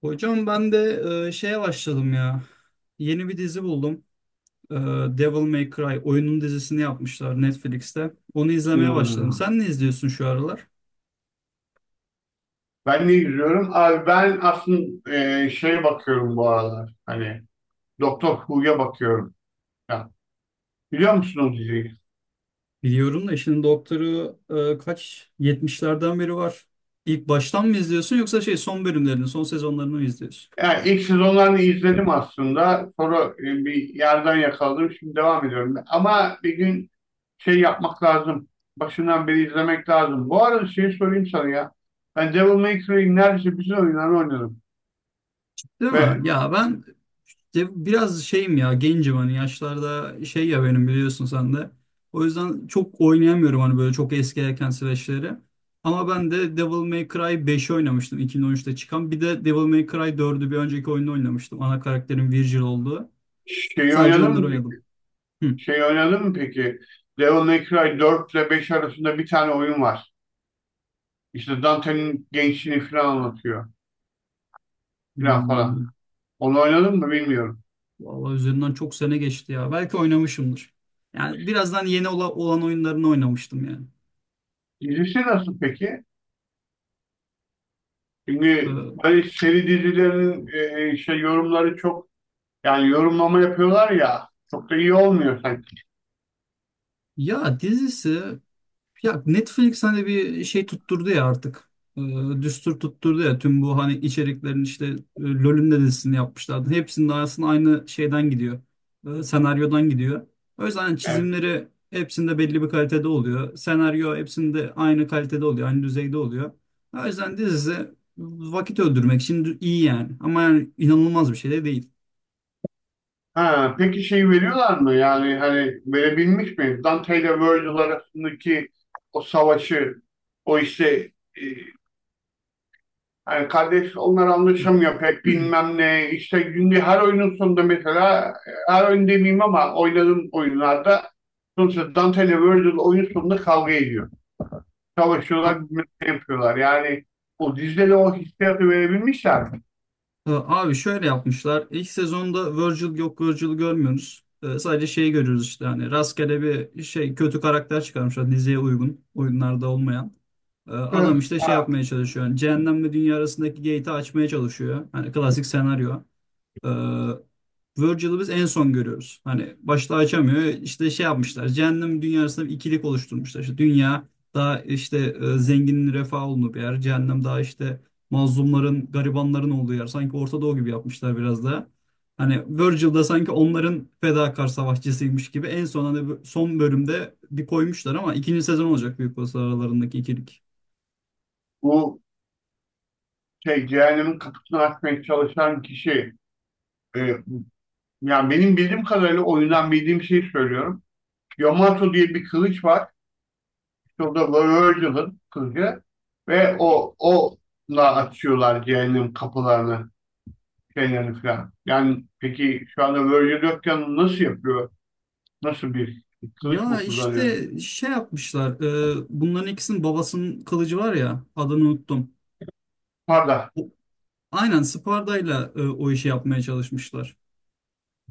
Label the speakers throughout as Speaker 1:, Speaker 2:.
Speaker 1: Hocam ben de şeye başladım ya. Yeni bir dizi buldum. E, Devil May Cry oyunun dizisini yapmışlar Netflix'te. Onu izlemeye başladım.
Speaker 2: Hmm.
Speaker 1: Sen ne izliyorsun şu aralar?
Speaker 2: Ben ne izliyorum? Abi ben aslında şeye bakıyorum bu aralar. Hani Doktor Who'ya bakıyorum. Ya, biliyor musun o diziyi?
Speaker 1: Biliyorum da işin doktoru kaç? Yetmişlerden beri var. İlk baştan mı izliyorsun yoksa şey son bölümlerini, son sezonlarını mı izliyorsun?
Speaker 2: Yani ilk sezonlarını izledim aslında. Sonra bir yerden yakaladım. Şimdi devam ediyorum. Ama bir gün şey yapmak lazım. Başından beri izlemek lazım. Bu arada şey sorayım sana ya. Ben Devil May Cry'in neredeyse bütün oyunlarını oynadım.
Speaker 1: Değil
Speaker 2: Ve
Speaker 1: mi? Ya ben Ya Biraz şeyim ya, gencim hani yaşlarda şey ya, benim biliyorsun sen de. O yüzden çok oynayamıyorum hani böyle çok eski erken süreçleri. Ama ben de Devil May Cry 5'i oynamıştım, 2013'te çıkan. Bir de Devil May Cry dördü bir önceki oyunda oynamıştım. Ana karakterin Virgil olduğu.
Speaker 2: şeyi
Speaker 1: Sadece
Speaker 2: oynadım
Speaker 1: onları
Speaker 2: mı peki?
Speaker 1: oynadım. Hı.
Speaker 2: Şeyi oynadım mı peki? Devil May Cry dört ile 5 arasında bir tane oyun var. İşte Dante'nin gençliğini falan anlatıyor. Falan falan.
Speaker 1: Hmm.
Speaker 2: Onu oynadın mı bilmiyorum.
Speaker 1: Vallahi üzerinden çok sene geçti ya. Belki oynamışımdır. Yani birazdan olan oyunlarını oynamıştım yani.
Speaker 2: Dizisi nasıl peki? Çünkü
Speaker 1: Ee,
Speaker 2: böyle seri dizilerin şey yorumları çok yani yorumlama yapıyorlar ya çok da iyi olmuyor sanki.
Speaker 1: dizisi, ya Netflix hani bir şey tutturdu ya artık. Düstur tutturdu ya, tüm bu hani içeriklerin işte LoL'ün de dizisini yapmışlardı. Hepsinin arasında aynı şeyden gidiyor. Senaryodan gidiyor. O yüzden hani
Speaker 2: Yani,
Speaker 1: çizimleri hepsinde belli bir kalitede oluyor. Senaryo hepsinde aynı kalitede oluyor. Aynı düzeyde oluyor. O yüzden dizisi vakit öldürmek için iyi yani. Ama yani inanılmaz bir şey de değil.
Speaker 2: ha, peki şey veriyorlar mı? Yani hani verebilmiş mi? Dante ile Virgil arasındaki o savaşı o işte e, hani kardeş onlar anlaşamıyor pek bilmem ne. İşte günde her oyunun sonunda mesela her oyun demeyeyim ama oynadığım oyunlarda sonuçta Dante ile Virgil oyun sonunda kavga ediyor. Savaşıyorlar bilmem ne yapıyorlar. Yani o dizide de o hissiyatı verebilmişler.
Speaker 1: Abi şöyle yapmışlar. İlk sezonda Virgil yok, Virgil görmüyoruz. Sadece şeyi görüyoruz, işte hani rastgele bir şey kötü karakter çıkarmışlar diziye uygun. Oyunlarda olmayan.
Speaker 2: Evet.
Speaker 1: Adam işte şey
Speaker 2: Ha,
Speaker 1: yapmaya çalışıyor. Yani cehennemle dünya arasındaki gate'i açmaya çalışıyor. Hani klasik senaryo. Ee, Virgil'ı biz en son görüyoruz. Hani başta açamıyor. İşte şey yapmışlar. Cehennem dünyasında bir ikilik oluşturmuşlar. İşte dünya daha işte zenginin refah olduğu bir yer. Cehennem daha işte mazlumların, garibanların olduğu yer. Sanki Orta Doğu gibi yapmışlar biraz da. Hani Virgil da sanki onların fedakar savaşçısıymış gibi en son hani son bölümde bir koymuşlar ama ikinci sezon olacak büyük olasılıkla aralarındaki ikilik.
Speaker 2: bu şey cehennemin kapısını açmaya çalışan kişi e, yani benim bildiğim kadarıyla oyundan bildiğim şeyi söylüyorum. Yamato diye bir kılıç var. Şurada böyle gidiyorlar kızca ve o onunla açıyorlar cehennem kapılarını şeylerini falan. Yani peki şu anda Virgil yokken nasıl yapıyor? Nasıl bir kılıç
Speaker 1: Ya
Speaker 2: mı kullanıyor?
Speaker 1: işte şey yapmışlar. Bunların ikisinin babasının kılıcı var ya, adını unuttum.
Speaker 2: Pardon.
Speaker 1: Aynen Sparda'yla o işi yapmaya çalışmışlar.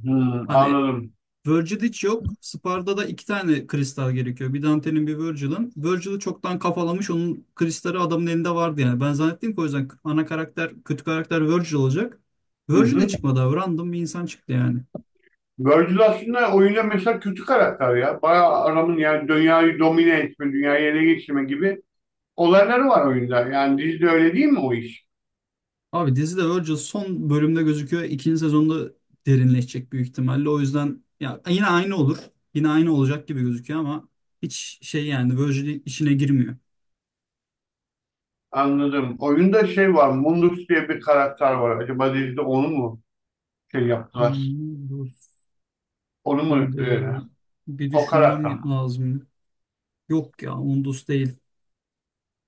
Speaker 2: Hmm,
Speaker 1: Hani
Speaker 2: anladım.
Speaker 1: Virgil hiç yok. Sparda'da iki tane kristal gerekiyor. Bir Dante'nin, bir Virgil'ın. Virgil'i çoktan kafalamış. Onun kristali adamın elinde vardı yani. Ben zannettim ki o yüzden ana karakter, kötü karakter Virgil olacak.
Speaker 2: Hı
Speaker 1: Virgil de
Speaker 2: hı.
Speaker 1: çıkmadı abi. Random bir insan çıktı yani.
Speaker 2: Virgil aslında oyunda mesela kötü karakter ya. Bayağı adamın yani dünyayı domine etme, dünyayı ele geçirme gibi olayları var oyunda. Yani dizide öyle değil mi o iş?
Speaker 1: Abi dizide Virgil son bölümde gözüküyor. İkinci sezonda derinleşecek büyük ihtimalle. O yüzden ya yine aynı olur. Yine aynı olacak gibi gözüküyor ama hiç şey yani Virgil işine girmiyor.
Speaker 2: Anladım. Oyunda şey var, Mundus diye bir karakter var. Acaba dizide onu mu şey yaptılar.
Speaker 1: Hmm, doğru.
Speaker 2: Onu mu
Speaker 1: Şimdi bir
Speaker 2: o karakter mi?
Speaker 1: düşünmem lazım. Yok ya, Undus değil.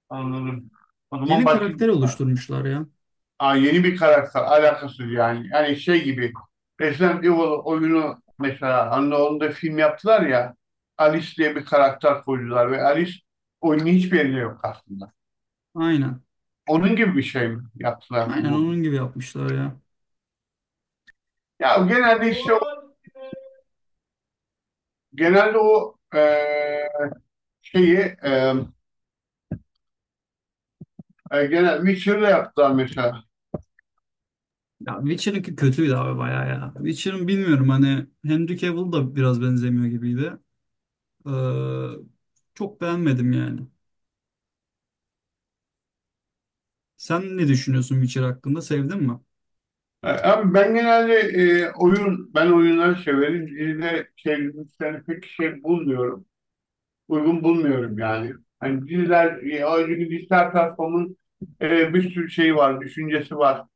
Speaker 2: Anladım. O zaman
Speaker 1: Yeni
Speaker 2: başka
Speaker 1: karakter oluşturmuşlar ya.
Speaker 2: aa, yeni bir karakter alakası yani. Yani şey gibi Resident Evil oyunu mesela hani onu da film yaptılar ya Alice diye bir karakter koydular ve Alice oyunun hiçbir yerinde yok aslında.
Speaker 1: Aynen.
Speaker 2: Onun gibi bir şey mi yaptılar
Speaker 1: Aynen
Speaker 2: bu?
Speaker 1: onun gibi yapmışlar ya.
Speaker 2: Ya genelde işte o, genelde o şeyi e, genel Witcher'da yaptılar mesela.
Speaker 1: Ya Witcher'ınki kötüydü abi bayağı ya. Witcher'ın bilmiyorum, hani Henry Cavill da biraz benzemiyor gibiydi. Ee, Çok beğenmedim yani. Sen ne düşünüyorsun Witcher hakkında? Sevdin mi?
Speaker 2: Abi ben genelde oyun, ben oyunları severim. Dizide şey, dizileri pek şey bulmuyorum. Uygun bulmuyorum yani. Hani diziler, o çünkü dijital platformun bir sürü şeyi var, düşüncesi var.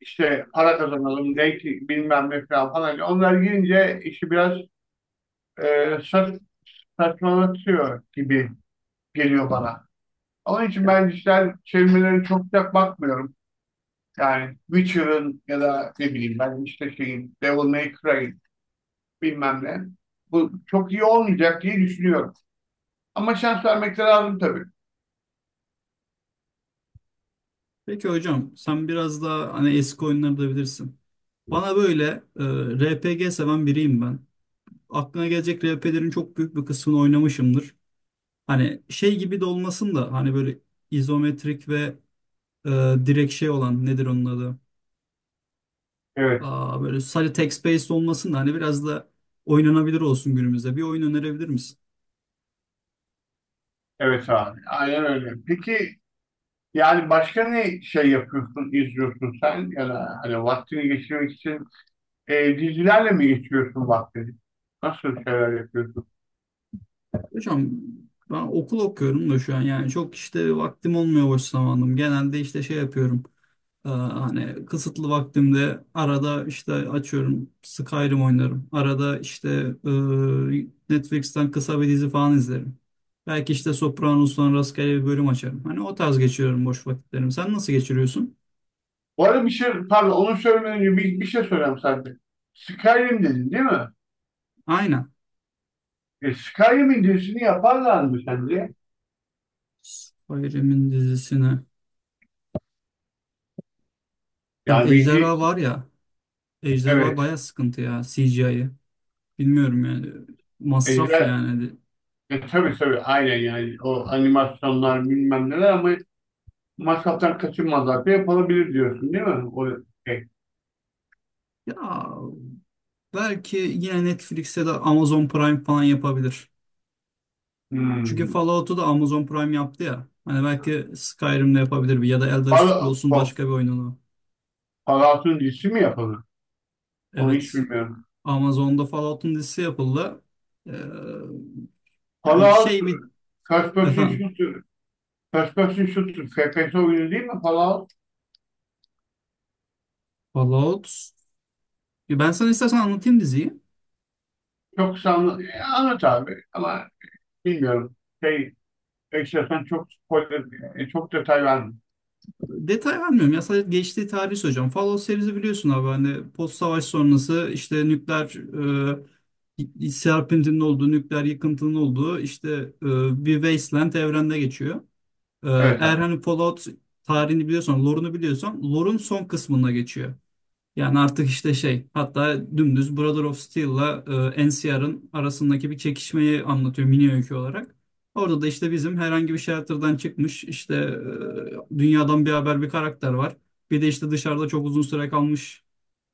Speaker 2: İşte para kazanalım, denk bilmem ne falan falan. Onlar girince işi biraz e, saç, saçmalatıyor gibi geliyor bana. Onun için
Speaker 1: Ya
Speaker 2: ben dijital çevirmelere çok sıcak bakmıyorum. Yani Witcher'ın ya da ne bileyim ben işte şeyin Devil May Cry bilmem ne. Bu çok iyi olmayacak diye düşünüyorum. Ama şans vermek de lazım tabii.
Speaker 1: peki hocam, sen biraz daha hani eski oyunları da bilirsin. Bana böyle e, RPG seven biriyim ben. Aklına gelecek RP'lerin çok büyük bir kısmını oynamışımdır. Hani şey gibi de olmasın da hani böyle izometrik ve e, direkt şey olan, nedir onun adı?
Speaker 2: Evet,
Speaker 1: Aa, böyle sadece text based olmasın da hani biraz da oynanabilir olsun günümüzde. Bir oyun önerebilir misin?
Speaker 2: evet abi. Aynen öyle. Peki yani başka ne şey yapıyorsun, izliyorsun sen? Ya da hani vaktini geçirmek için dizilerle mi geçiriyorsun vaktini? Nasıl şeyler yapıyorsun?
Speaker 1: Hocam ben okul okuyorum da şu an, yani çok işte vaktim olmuyor boş zamanım. Genelde işte şey yapıyorum. Hani kısıtlı vaktimde arada işte açıyorum Skyrim oynarım. Arada işte e, Netflix'ten kısa bir dizi falan izlerim. Belki işte Sopranos'tan rastgele bir bölüm açarım. Hani o tarz geçiriyorum boş vakitlerimi. Sen nasıl geçiriyorsun?
Speaker 2: Bu arada bir şey, pardon onu söylemeden önce bir şey söyleyeyim sadece. Skyrim dedin değil mi?
Speaker 1: Aynen.
Speaker 2: E, Skyrim'in dizisini yaparlar mı sence?
Speaker 1: Skyrim'in dizisine. Ya
Speaker 2: Yani bir, di-
Speaker 1: Ejderha var ya. Ejderha
Speaker 2: evet.
Speaker 1: baya sıkıntı ya CGI'yi. Bilmiyorum yani. Masraf
Speaker 2: Ejder,
Speaker 1: yani.
Speaker 2: e, tabii tabii aynen yani o animasyonlar bilmem neler ama masraftan kaçınmazlar da yapılabilir diyorsun değil mi? O şey.
Speaker 1: Ya belki yine Netflix'e de Amazon Prime falan yapabilir. Çünkü
Speaker 2: Hmm.
Speaker 1: Fallout'u da Amazon Prime yaptı ya. Hani belki Skyrim'de yapabilir, bir ya da Elder
Speaker 2: Fal-
Speaker 1: Scrolls'un
Speaker 2: Fa-
Speaker 1: başka bir oyununu.
Speaker 2: Fallout'un dizisi mi yapıldı? Onu hiç
Speaker 1: Evet.
Speaker 2: bilmiyorum.
Speaker 1: Amazon'da Fallout'un dizisi yapıldı. Ee, Yani
Speaker 2: Fallout
Speaker 1: şey bir,
Speaker 2: First Person
Speaker 1: efendim,
Speaker 2: Shooter First Person Shooter FPS oyunu değil mi Fallout?
Speaker 1: Fallout. Ya ben sana istersen anlatayım diziyi.
Speaker 2: Çok sanlı anlat abi ama bilmiyorum. Şey, istersen çok spoiler, çok detay verme.
Speaker 1: Detay vermiyorum ya, sadece geçtiği tarihi söyleyeceğim. Fallout serisi biliyorsun abi, hani post savaş sonrası işte nükleer serpintinin olduğu, nükleer yıkıntının olduğu işte bir wasteland evrende geçiyor. Ee,
Speaker 2: Evet
Speaker 1: Eğer
Speaker 2: abi.
Speaker 1: hani Fallout tarihini biliyorsan, lore'unu biliyorsan, lore'un son kısmına geçiyor. Yani artık işte şey, hatta dümdüz Brother of Steel'la NCR'ın arasındaki bir çekişmeyi anlatıyor mini öykü olarak. Orada da işte bizim herhangi bir shelter'dan çıkmış işte dünyadan bir haber bir karakter var. Bir de işte dışarıda çok uzun süre kalmış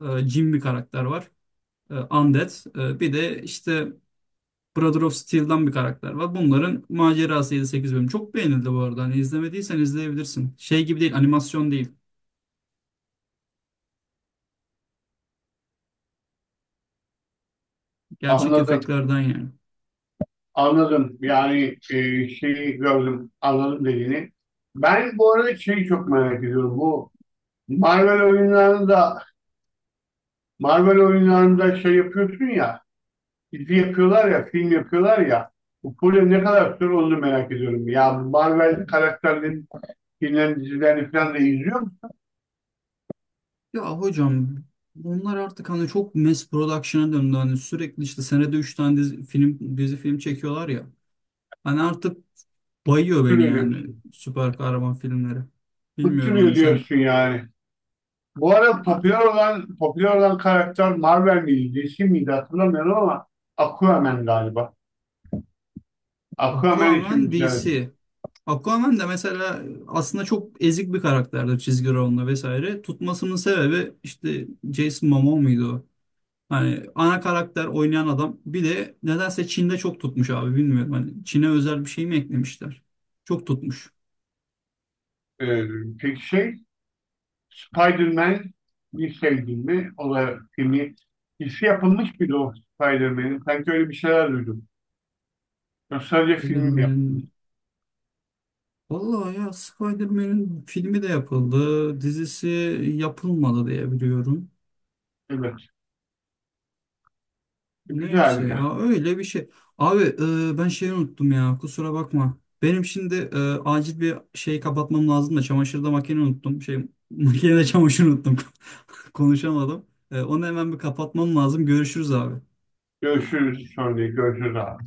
Speaker 1: Jim bir karakter var. E, Undead. Bir de işte Brother of Steel'dan bir karakter var. Bunların macerası 7-8 bölüm. Çok beğenildi bu arada. Hani izlemediysen izleyebilirsin. Şey gibi değil, animasyon değil. Gerçek
Speaker 2: Anladım.
Speaker 1: efektlerden yani.
Speaker 2: Anladım. Yani şeyi gördüm. Anladım dediğini. Ben bu arada şeyi çok merak ediyorum. Bu Marvel oyunlarında Marvel oyunlarında şey yapıyorsun ya dizi yapıyorlar ya film yapıyorlar ya bu proje ne kadar süre onu merak ediyorum. Ya Marvel karakterlerin filmlerin dizilerini falan da izliyor musun?
Speaker 1: Ya hocam, bunlar artık hani çok mass production'a döndü. Hani sürekli işte senede 3 tane dizi film, dizi film çekiyorlar ya. Hani artık bayıyor beni
Speaker 2: Bıktırıyor
Speaker 1: yani
Speaker 2: diyorsun.
Speaker 1: süper kahraman filmleri. Bilmiyorum
Speaker 2: Bıktırıyor
Speaker 1: hani sen.
Speaker 2: diyorsun yani. Bu arada
Speaker 1: Ya,
Speaker 2: popüler olan popüler olan karakter Marvel miydi, DC miydi hatırlamıyorum ama Aquaman galiba. Aquaman için
Speaker 1: Aquaman
Speaker 2: güzel.
Speaker 1: DC. Aquaman da mesela aslında çok ezik bir karakterdir çizgi romanla vesaire. Tutmasının sebebi işte Jason Momoa muydu o? Hani ana karakter oynayan adam, bir de nedense Çin'de çok tutmuş abi, bilmiyorum. Hani Çin'e özel bir şey mi eklemişler? Çok tutmuş.
Speaker 2: Ee, peki şey, Spider-Man bir sevdin mi? O da filmi, dizisi yapılmış mıydı o Spider-Man'in? Sanki öyle bir şeyler duydum. Yok, sadece film yapılmış.
Speaker 1: Spider-Man'in, vallahi ya, Spider-Man'in filmi de yapıldı, dizisi yapılmadı diye biliyorum.
Speaker 2: Evet.
Speaker 1: Neyse
Speaker 2: Güzel ya.
Speaker 1: ya, öyle bir şey. Abi ben şeyi unuttum ya, kusura bakma. Benim şimdi acil bir şey kapatmam lazım da, çamaşırda makine unuttum. Şey makinede çamaşır unuttum. Konuşamadım. Onu hemen bir kapatmam lazım. Görüşürüz abi.
Speaker 2: Görüşürüz sonra. Görüşürüz abi.